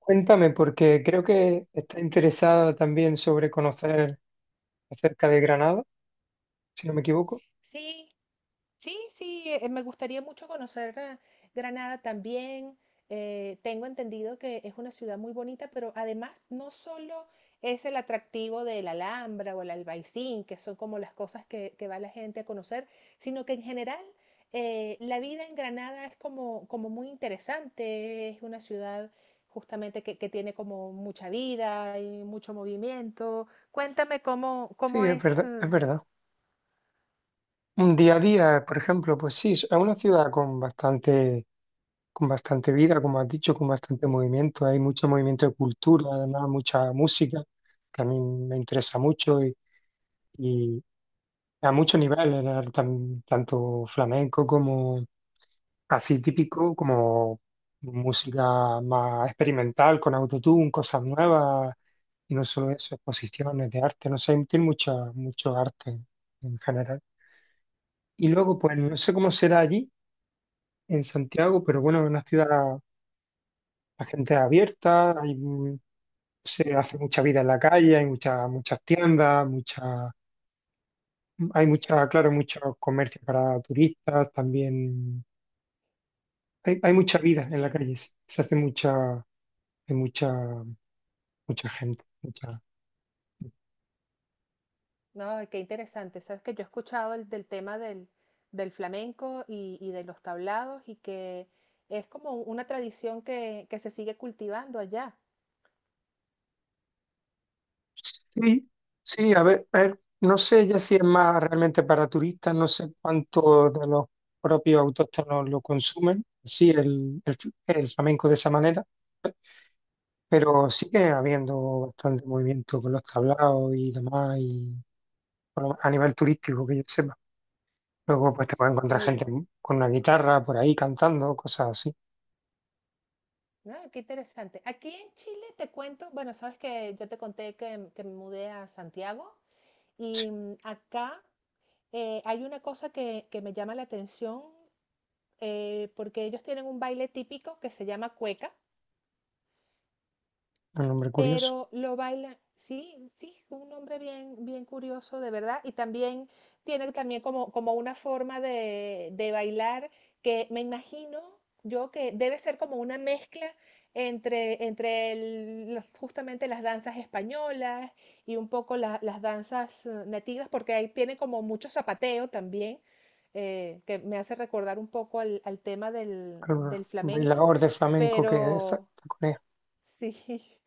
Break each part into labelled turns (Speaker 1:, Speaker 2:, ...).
Speaker 1: Cuéntame, porque creo que está interesada también sobre conocer acerca de Granada, si no me equivoco.
Speaker 2: Sí, sí, sí, me gustaría mucho conocer Granada también. Tengo entendido que es una ciudad muy bonita, pero además no solo es el atractivo de la Alhambra o el Albaicín, que son como las cosas que va la gente a conocer, sino que en general la vida en Granada es como muy interesante. Es una ciudad justamente que tiene como mucha vida y mucho movimiento. Cuéntame cómo,
Speaker 1: Sí,
Speaker 2: cómo
Speaker 1: es
Speaker 2: es.
Speaker 1: verdad, es verdad. Un día a día, por ejemplo, pues sí, es una ciudad con con bastante vida, como has dicho, con bastante movimiento. Hay mucho movimiento de cultura, además mucha música, que a mí me interesa mucho y a muchos niveles, tanto flamenco como así típico, como música más experimental, con autotune, cosas nuevas. Y no solo eso, exposiciones de arte, no sé, tiene mucho arte en general. Y luego, pues no sé cómo será allí, en Santiago, pero bueno, es una ciudad, la gente es abierta, hay, se hace mucha vida en la calle, hay muchas tiendas, claro, muchos comercios para turistas, también hay mucha vida en la
Speaker 2: Sí.
Speaker 1: calle, se hay mucha, mucha gente.
Speaker 2: No, qué interesante. Sabes que yo he escuchado del tema del flamenco y de los tablados y que es como una tradición que se sigue cultivando allá.
Speaker 1: Sí, sí, a ver, no sé ya si es más realmente para turistas, no sé cuánto de los propios autóctonos lo consumen, sí, el flamenco de esa manera, pero sigue habiendo bastante movimiento con los tablaos y demás, y bueno, a nivel turístico que yo sepa. Luego pues te puedes
Speaker 2: Qué
Speaker 1: encontrar gente
Speaker 2: bien.
Speaker 1: con una guitarra por ahí cantando, cosas así.
Speaker 2: No, qué interesante. Aquí en Chile te cuento, bueno, sabes que yo te conté que me mudé a Santiago
Speaker 1: Sí.
Speaker 2: y acá hay una cosa que me llama la atención porque ellos tienen un baile típico que se llama cueca,
Speaker 1: Un nombre curioso.
Speaker 2: pero lo baila, sí, sí, un hombre bien, bien curioso, de verdad, y también tiene también como una forma de bailar que me imagino yo que debe ser como una mezcla entre justamente las danzas españolas y un poco las danzas nativas, porque ahí tiene como mucho zapateo también, que me hace recordar un poco al tema del
Speaker 1: Un
Speaker 2: flamenco,
Speaker 1: bailador de flamenco que es
Speaker 2: pero
Speaker 1: Corea.
Speaker 2: sí.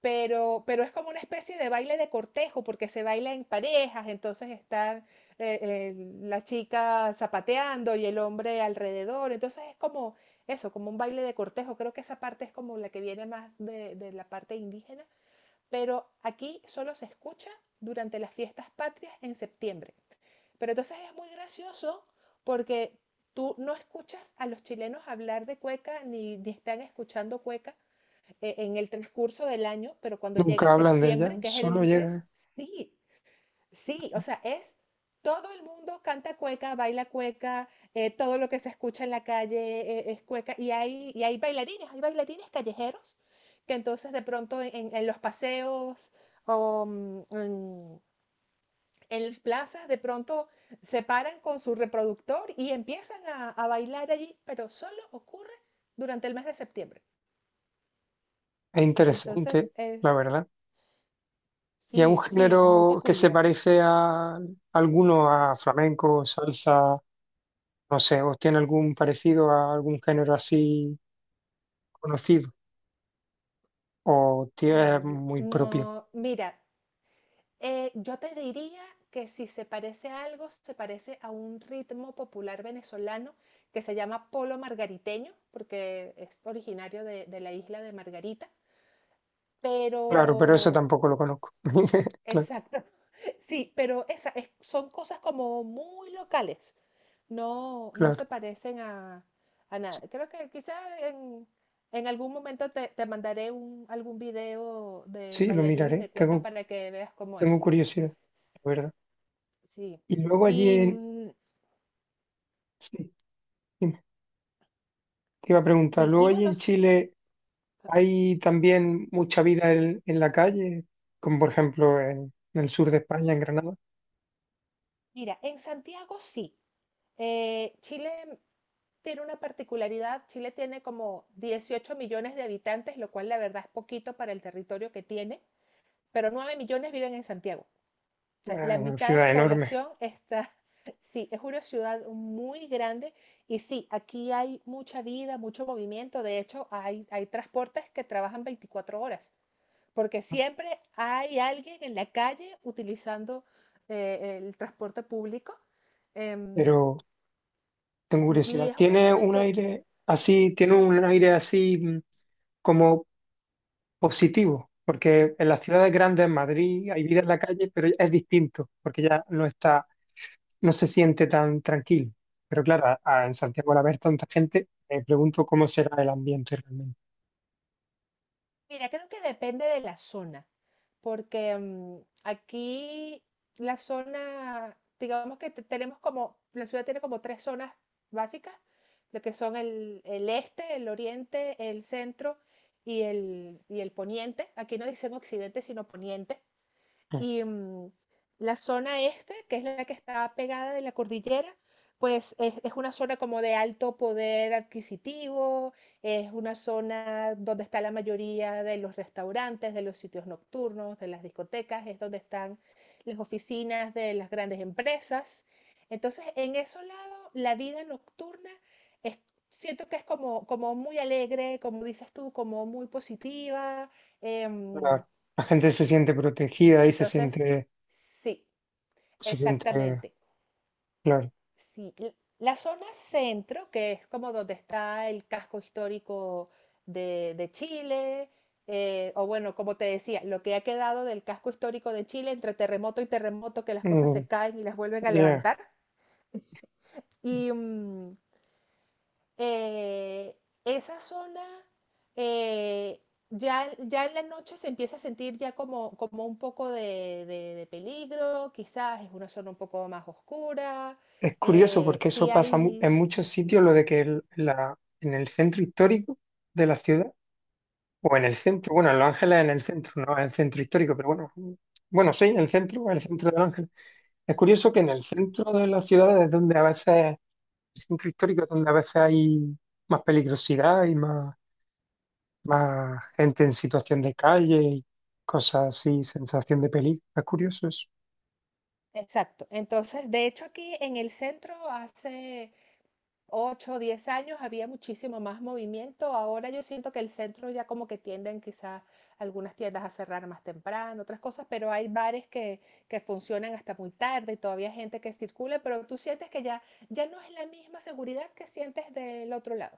Speaker 2: Pero es como una especie de baile de cortejo, porque se baila en parejas, entonces están eh, eh, la chica zapateando y el hombre alrededor, entonces es como eso, como un baile de cortejo, creo que esa parte es como la que viene más de la parte indígena, pero aquí solo se escucha durante las fiestas patrias en septiembre. Pero entonces es muy gracioso porque tú no escuchas a los chilenos hablar de cueca ni están escuchando cueca, en el transcurso del año, pero cuando llega
Speaker 1: Nunca hablan de ella,
Speaker 2: septiembre, que es el
Speaker 1: solo
Speaker 2: mes,
Speaker 1: llega.
Speaker 2: sí, sí, o sea, es todo el mundo canta cueca, baila cueca, todo lo que se escucha en la calle es cueca, y hay bailarines, hay bailarines callejeros que entonces de pronto en los paseos o en las plazas de pronto se paran con su reproductor y empiezan a bailar allí, pero solo ocurre durante el mes de septiembre.
Speaker 1: Es
Speaker 2: Entonces,
Speaker 1: interesante,
Speaker 2: es...
Speaker 1: la verdad. Y es un
Speaker 2: Sí, sí, muy
Speaker 1: género que se
Speaker 2: peculiar.
Speaker 1: parece a alguno a flamenco, salsa, no sé, o tiene algún parecido a algún género así conocido, o tiene
Speaker 2: Guau,
Speaker 1: muy
Speaker 2: no,
Speaker 1: propio.
Speaker 2: mira, yo te diría que si se parece a algo, se parece a un ritmo popular venezolano que se llama polo margariteño, porque es originario de la isla de Margarita,
Speaker 1: Claro, pero eso
Speaker 2: pero...
Speaker 1: tampoco lo conozco. Claro,
Speaker 2: Exacto. Sí, pero son cosas como muy locales. No, no
Speaker 1: claro.
Speaker 2: se parecen a nada.
Speaker 1: Sí,
Speaker 2: Creo que quizá en, en algún momento te mandaré algún video de
Speaker 1: sí, lo
Speaker 2: bailarines de
Speaker 1: miraré.
Speaker 2: cueca para que veas cómo es.
Speaker 1: Tengo curiosidad, la verdad.
Speaker 2: Sí.
Speaker 1: Y luego allí
Speaker 2: Y,
Speaker 1: en. Sí, dime. Te iba a preguntar,
Speaker 2: sí,
Speaker 1: luego
Speaker 2: y
Speaker 1: allí
Speaker 2: bueno,
Speaker 1: en Chile hay también mucha vida en la calle, como por ejemplo en el sur de España, en Granada,
Speaker 2: mira, en Santiago sí. Chile tiene una particularidad. Chile tiene como 18 millones de habitantes, lo cual la verdad es poquito para el territorio que tiene, pero 9 millones viven en Santiago. O sea, la
Speaker 1: es una
Speaker 2: mitad de
Speaker 1: ciudad
Speaker 2: la
Speaker 1: enorme,
Speaker 2: población está... Sí, es una ciudad muy grande y sí, aquí hay mucha vida, mucho movimiento. De hecho, hay transportes que trabajan 24 horas, porque siempre hay alguien en la calle utilizando el transporte público. Em,
Speaker 1: pero tengo
Speaker 2: sí, y
Speaker 1: curiosidad,
Speaker 2: es una zona que... Sí.
Speaker 1: tiene un aire así como positivo? Porque en las ciudades grandes, en Madrid, hay vida en la calle, pero es distinto, porque ya no está, no se siente tan tranquilo. Pero claro, en Santiago al haber tanta gente, me pregunto cómo será el ambiente realmente.
Speaker 2: Mira, creo que depende de la zona, porque aquí la zona, digamos que tenemos la ciudad tiene como tres zonas básicas, lo que son el este, el oriente, el centro y el poniente. Aquí no dicen occidente, sino poniente.
Speaker 1: Mm.
Speaker 2: Y la zona este, que es la que está pegada de la cordillera, pues es una zona como de alto poder adquisitivo, es una zona donde está la mayoría de los restaurantes, de los sitios nocturnos, de las discotecas, es donde están las oficinas de las grandes empresas. Entonces, en ese lado, la vida nocturna es, siento que es como muy alegre, como dices tú, como muy positiva. em,
Speaker 1: La, la gente se siente protegida y
Speaker 2: entonces, sí.
Speaker 1: se siente,
Speaker 2: Exactamente.
Speaker 1: claro.
Speaker 2: Sí, la zona centro, que es como donde está el casco histórico de Chile, o bueno, como te decía, lo que ha quedado del casco histórico de Chile entre terremoto y terremoto, que las cosas
Speaker 1: Mm,
Speaker 2: se caen y las vuelven a
Speaker 1: ya.
Speaker 2: levantar. Y, eh, esa zona eh, ya en la noche se empieza a sentir ya como un poco de peligro, quizás es una zona un poco más oscura,
Speaker 1: Es curioso porque eso
Speaker 2: sí
Speaker 1: pasa en
Speaker 2: hay.
Speaker 1: muchos sitios, lo de que en el centro histórico de la ciudad, o en el centro, bueno, en Los Ángeles en el centro, no en el centro histórico, pero bueno, bueno, sí, en el centro de Los Ángeles. Es curioso que en el centro de las ciudades es donde a veces, el centro histórico es donde a veces hay más peligrosidad y más gente en situación de calle y cosas así, sensación de peligro. Es curioso eso.
Speaker 2: Exacto. Entonces, de hecho, aquí en el centro hace 8 o 10 años había muchísimo más movimiento. Ahora yo siento que el centro ya como que tienden quizás algunas tiendas a cerrar más temprano, otras cosas, pero hay bares que funcionan hasta muy tarde y todavía hay gente que circula, pero tú sientes que ya no es la misma seguridad que sientes del otro lado.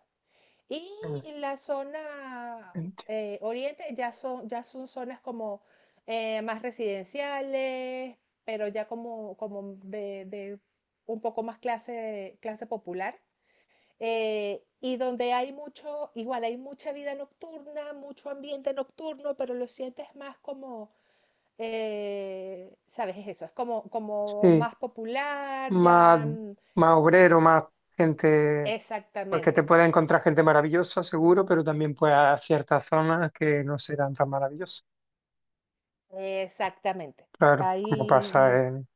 Speaker 2: Y
Speaker 1: Mm,
Speaker 2: en la zona
Speaker 1: entiendo.
Speaker 2: oriente ya son zonas como más residenciales, pero ya como de un poco más clase popular. Y donde hay mucho, igual hay mucha vida nocturna, mucho ambiente nocturno, pero lo sientes más como, ¿sabes? Es eso, es como
Speaker 1: Sí,
Speaker 2: más popular,
Speaker 1: más,
Speaker 2: ya,
Speaker 1: más obrero, más gente, porque te
Speaker 2: exactamente,
Speaker 1: puede encontrar gente maravillosa, seguro, pero también pues a ciertas zonas que no serán tan maravillosas.
Speaker 2: exactamente.
Speaker 1: Claro, como
Speaker 2: Ahí...
Speaker 1: pasa en.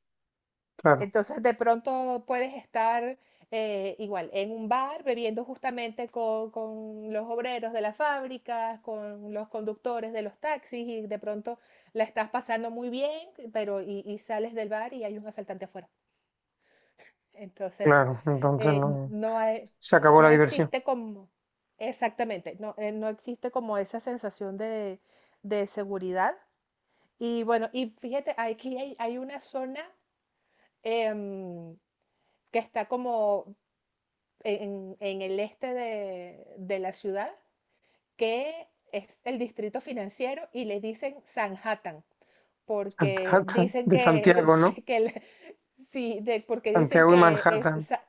Speaker 1: Claro,
Speaker 2: Entonces, de pronto puedes estar igual en un bar bebiendo justamente con los obreros de las fábricas, con los conductores de los taxis y de pronto la estás pasando muy bien, pero y sales del bar y hay un asaltante afuera. Entonces,
Speaker 1: claro, entonces no.
Speaker 2: no hay,
Speaker 1: Se acabó la
Speaker 2: no
Speaker 1: diversión.
Speaker 2: existe como... Exactamente, no, no existe como esa sensación de seguridad. Y bueno, y fíjate, aquí hay una zona... em, que está como en el este de la ciudad, que es el distrito financiero y le dicen Sanhattan, porque
Speaker 1: Manhattan,
Speaker 2: dicen
Speaker 1: de
Speaker 2: que,
Speaker 1: Santiago, ¿no?
Speaker 2: que, que sí, porque dicen
Speaker 1: Santiago y
Speaker 2: que
Speaker 1: Manhattan.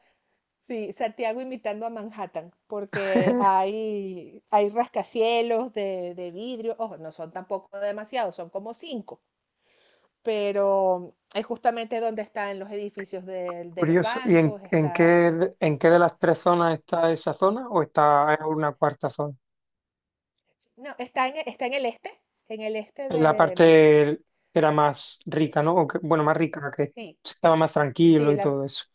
Speaker 2: sí, Santiago imitando a Manhattan, porque hay rascacielos de vidrio, ojo, no son tampoco demasiados, son como cinco, pero es justamente donde están los edificios de los
Speaker 1: Curioso. ¿Y
Speaker 2: bancos, está...
Speaker 1: en qué de las tres zonas está esa zona o está en una cuarta zona?
Speaker 2: No, está en el este
Speaker 1: En la
Speaker 2: de...
Speaker 1: parte que era más rica, ¿no? O bueno, más rica, que
Speaker 2: sí,
Speaker 1: estaba más
Speaker 2: sí,
Speaker 1: tranquilo y todo eso.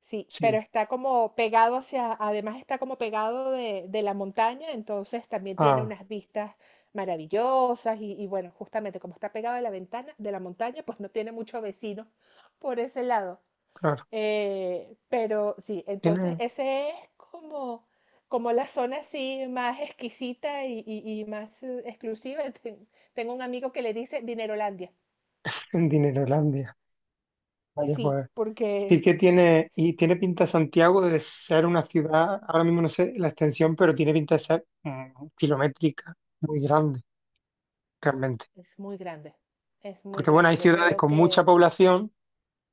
Speaker 2: sí, pero
Speaker 1: Sí.
Speaker 2: está como pegado hacia, además está como pegado de la montaña, entonces también tiene
Speaker 1: Ah,
Speaker 2: unas vistas maravillosas y bueno, justamente como está pegado de la ventana, de la montaña, pues no tiene mucho vecino por ese lado.
Speaker 1: claro.
Speaker 2: Pero sí, entonces
Speaker 1: Tiene
Speaker 2: ese es como la zona así más exquisita y más exclusiva. Tengo un amigo que le dice Dinerolandia.
Speaker 1: un Dinerolandia. Vaya,
Speaker 2: Sí,
Speaker 1: pues. Sí
Speaker 2: porque...
Speaker 1: que tiene, y tiene pinta Santiago de ser una ciudad, ahora mismo no sé la extensión, pero tiene pinta de ser kilométrica, muy grande, realmente.
Speaker 2: Es muy grande, es muy
Speaker 1: Porque bueno, hay
Speaker 2: grande. Yo
Speaker 1: ciudades
Speaker 2: creo
Speaker 1: con mucha
Speaker 2: que
Speaker 1: población,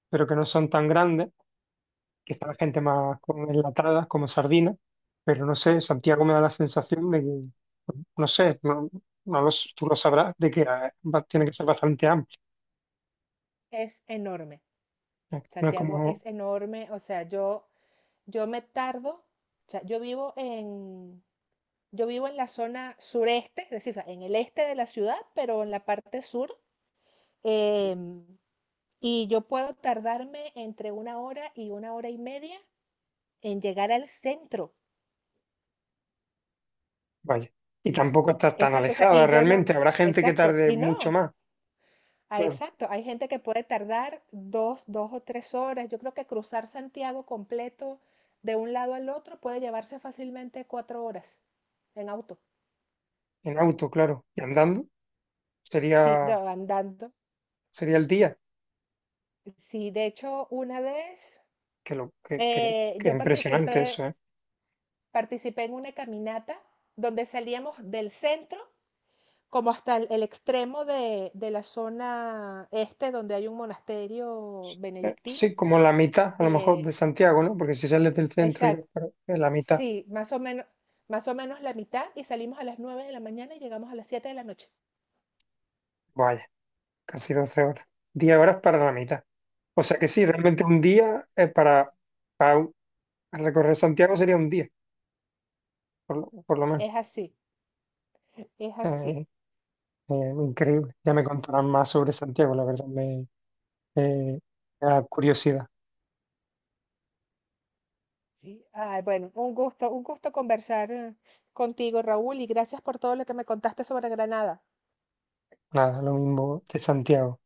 Speaker 1: pero que no son tan grandes quizá la gente más como enlatada, como sardina, pero no sé, Santiago me da la sensación de que, no sé, no, no lo s- tú lo sabrás, de que tiene que ser bastante amplia,
Speaker 2: es enorme.
Speaker 1: ¿eh? No es
Speaker 2: Santiago
Speaker 1: como,
Speaker 2: es enorme. O sea, yo me tardo. O sea, yo vivo en la zona sureste, es decir, o sea, en el este de la ciudad, pero en la parte sur. em, y yo puedo tardarme entre una hora y media en llegar al centro.
Speaker 1: vaya, y tampoco está tan
Speaker 2: Exacto, o sea,
Speaker 1: alejada
Speaker 2: y yo no,
Speaker 1: realmente, habrá gente que
Speaker 2: exacto.
Speaker 1: tarde
Speaker 2: Y
Speaker 1: mucho
Speaker 2: no,
Speaker 1: más,
Speaker 2: ah,
Speaker 1: claro,
Speaker 2: exacto, hay gente que puede tardar dos o tres horas. Yo creo que cruzar Santiago completo de un lado al otro puede llevarse fácilmente 4 horas en auto.
Speaker 1: en auto, claro, y andando,
Speaker 2: Sí,
Speaker 1: sería,
Speaker 2: andando.
Speaker 1: sería el día,
Speaker 2: Sí, de hecho, una vez
Speaker 1: que lo, que
Speaker 2: yo
Speaker 1: impresionante
Speaker 2: participé,
Speaker 1: eso, ¿eh?
Speaker 2: participé en una caminata donde salíamos del centro como hasta el extremo de la zona este donde hay un monasterio benedictino.
Speaker 1: Sí, como la mitad, a lo mejor, de
Speaker 2: Eh,
Speaker 1: Santiago, ¿no? Porque si sales del centro y vas para la mitad,
Speaker 2: Sí más o menos la mitad y salimos a las 9 de la mañana y llegamos a las 7 de la noche.
Speaker 1: vaya. Casi 12 horas. 10 horas para la mitad. O sea que sí, realmente un día para un- para recorrer Santiago sería un día, por lo menos.
Speaker 2: Es así, es
Speaker 1: Eh,
Speaker 2: así.
Speaker 1: increíble. Ya me contarán más sobre Santiago, la verdad eh, me da curiosidad.
Speaker 2: Sí. Ay, bueno, un gusto conversar contigo, Raúl, y gracias por todo lo que me contaste sobre Granada.
Speaker 1: Nada, lo mismo de Santiago.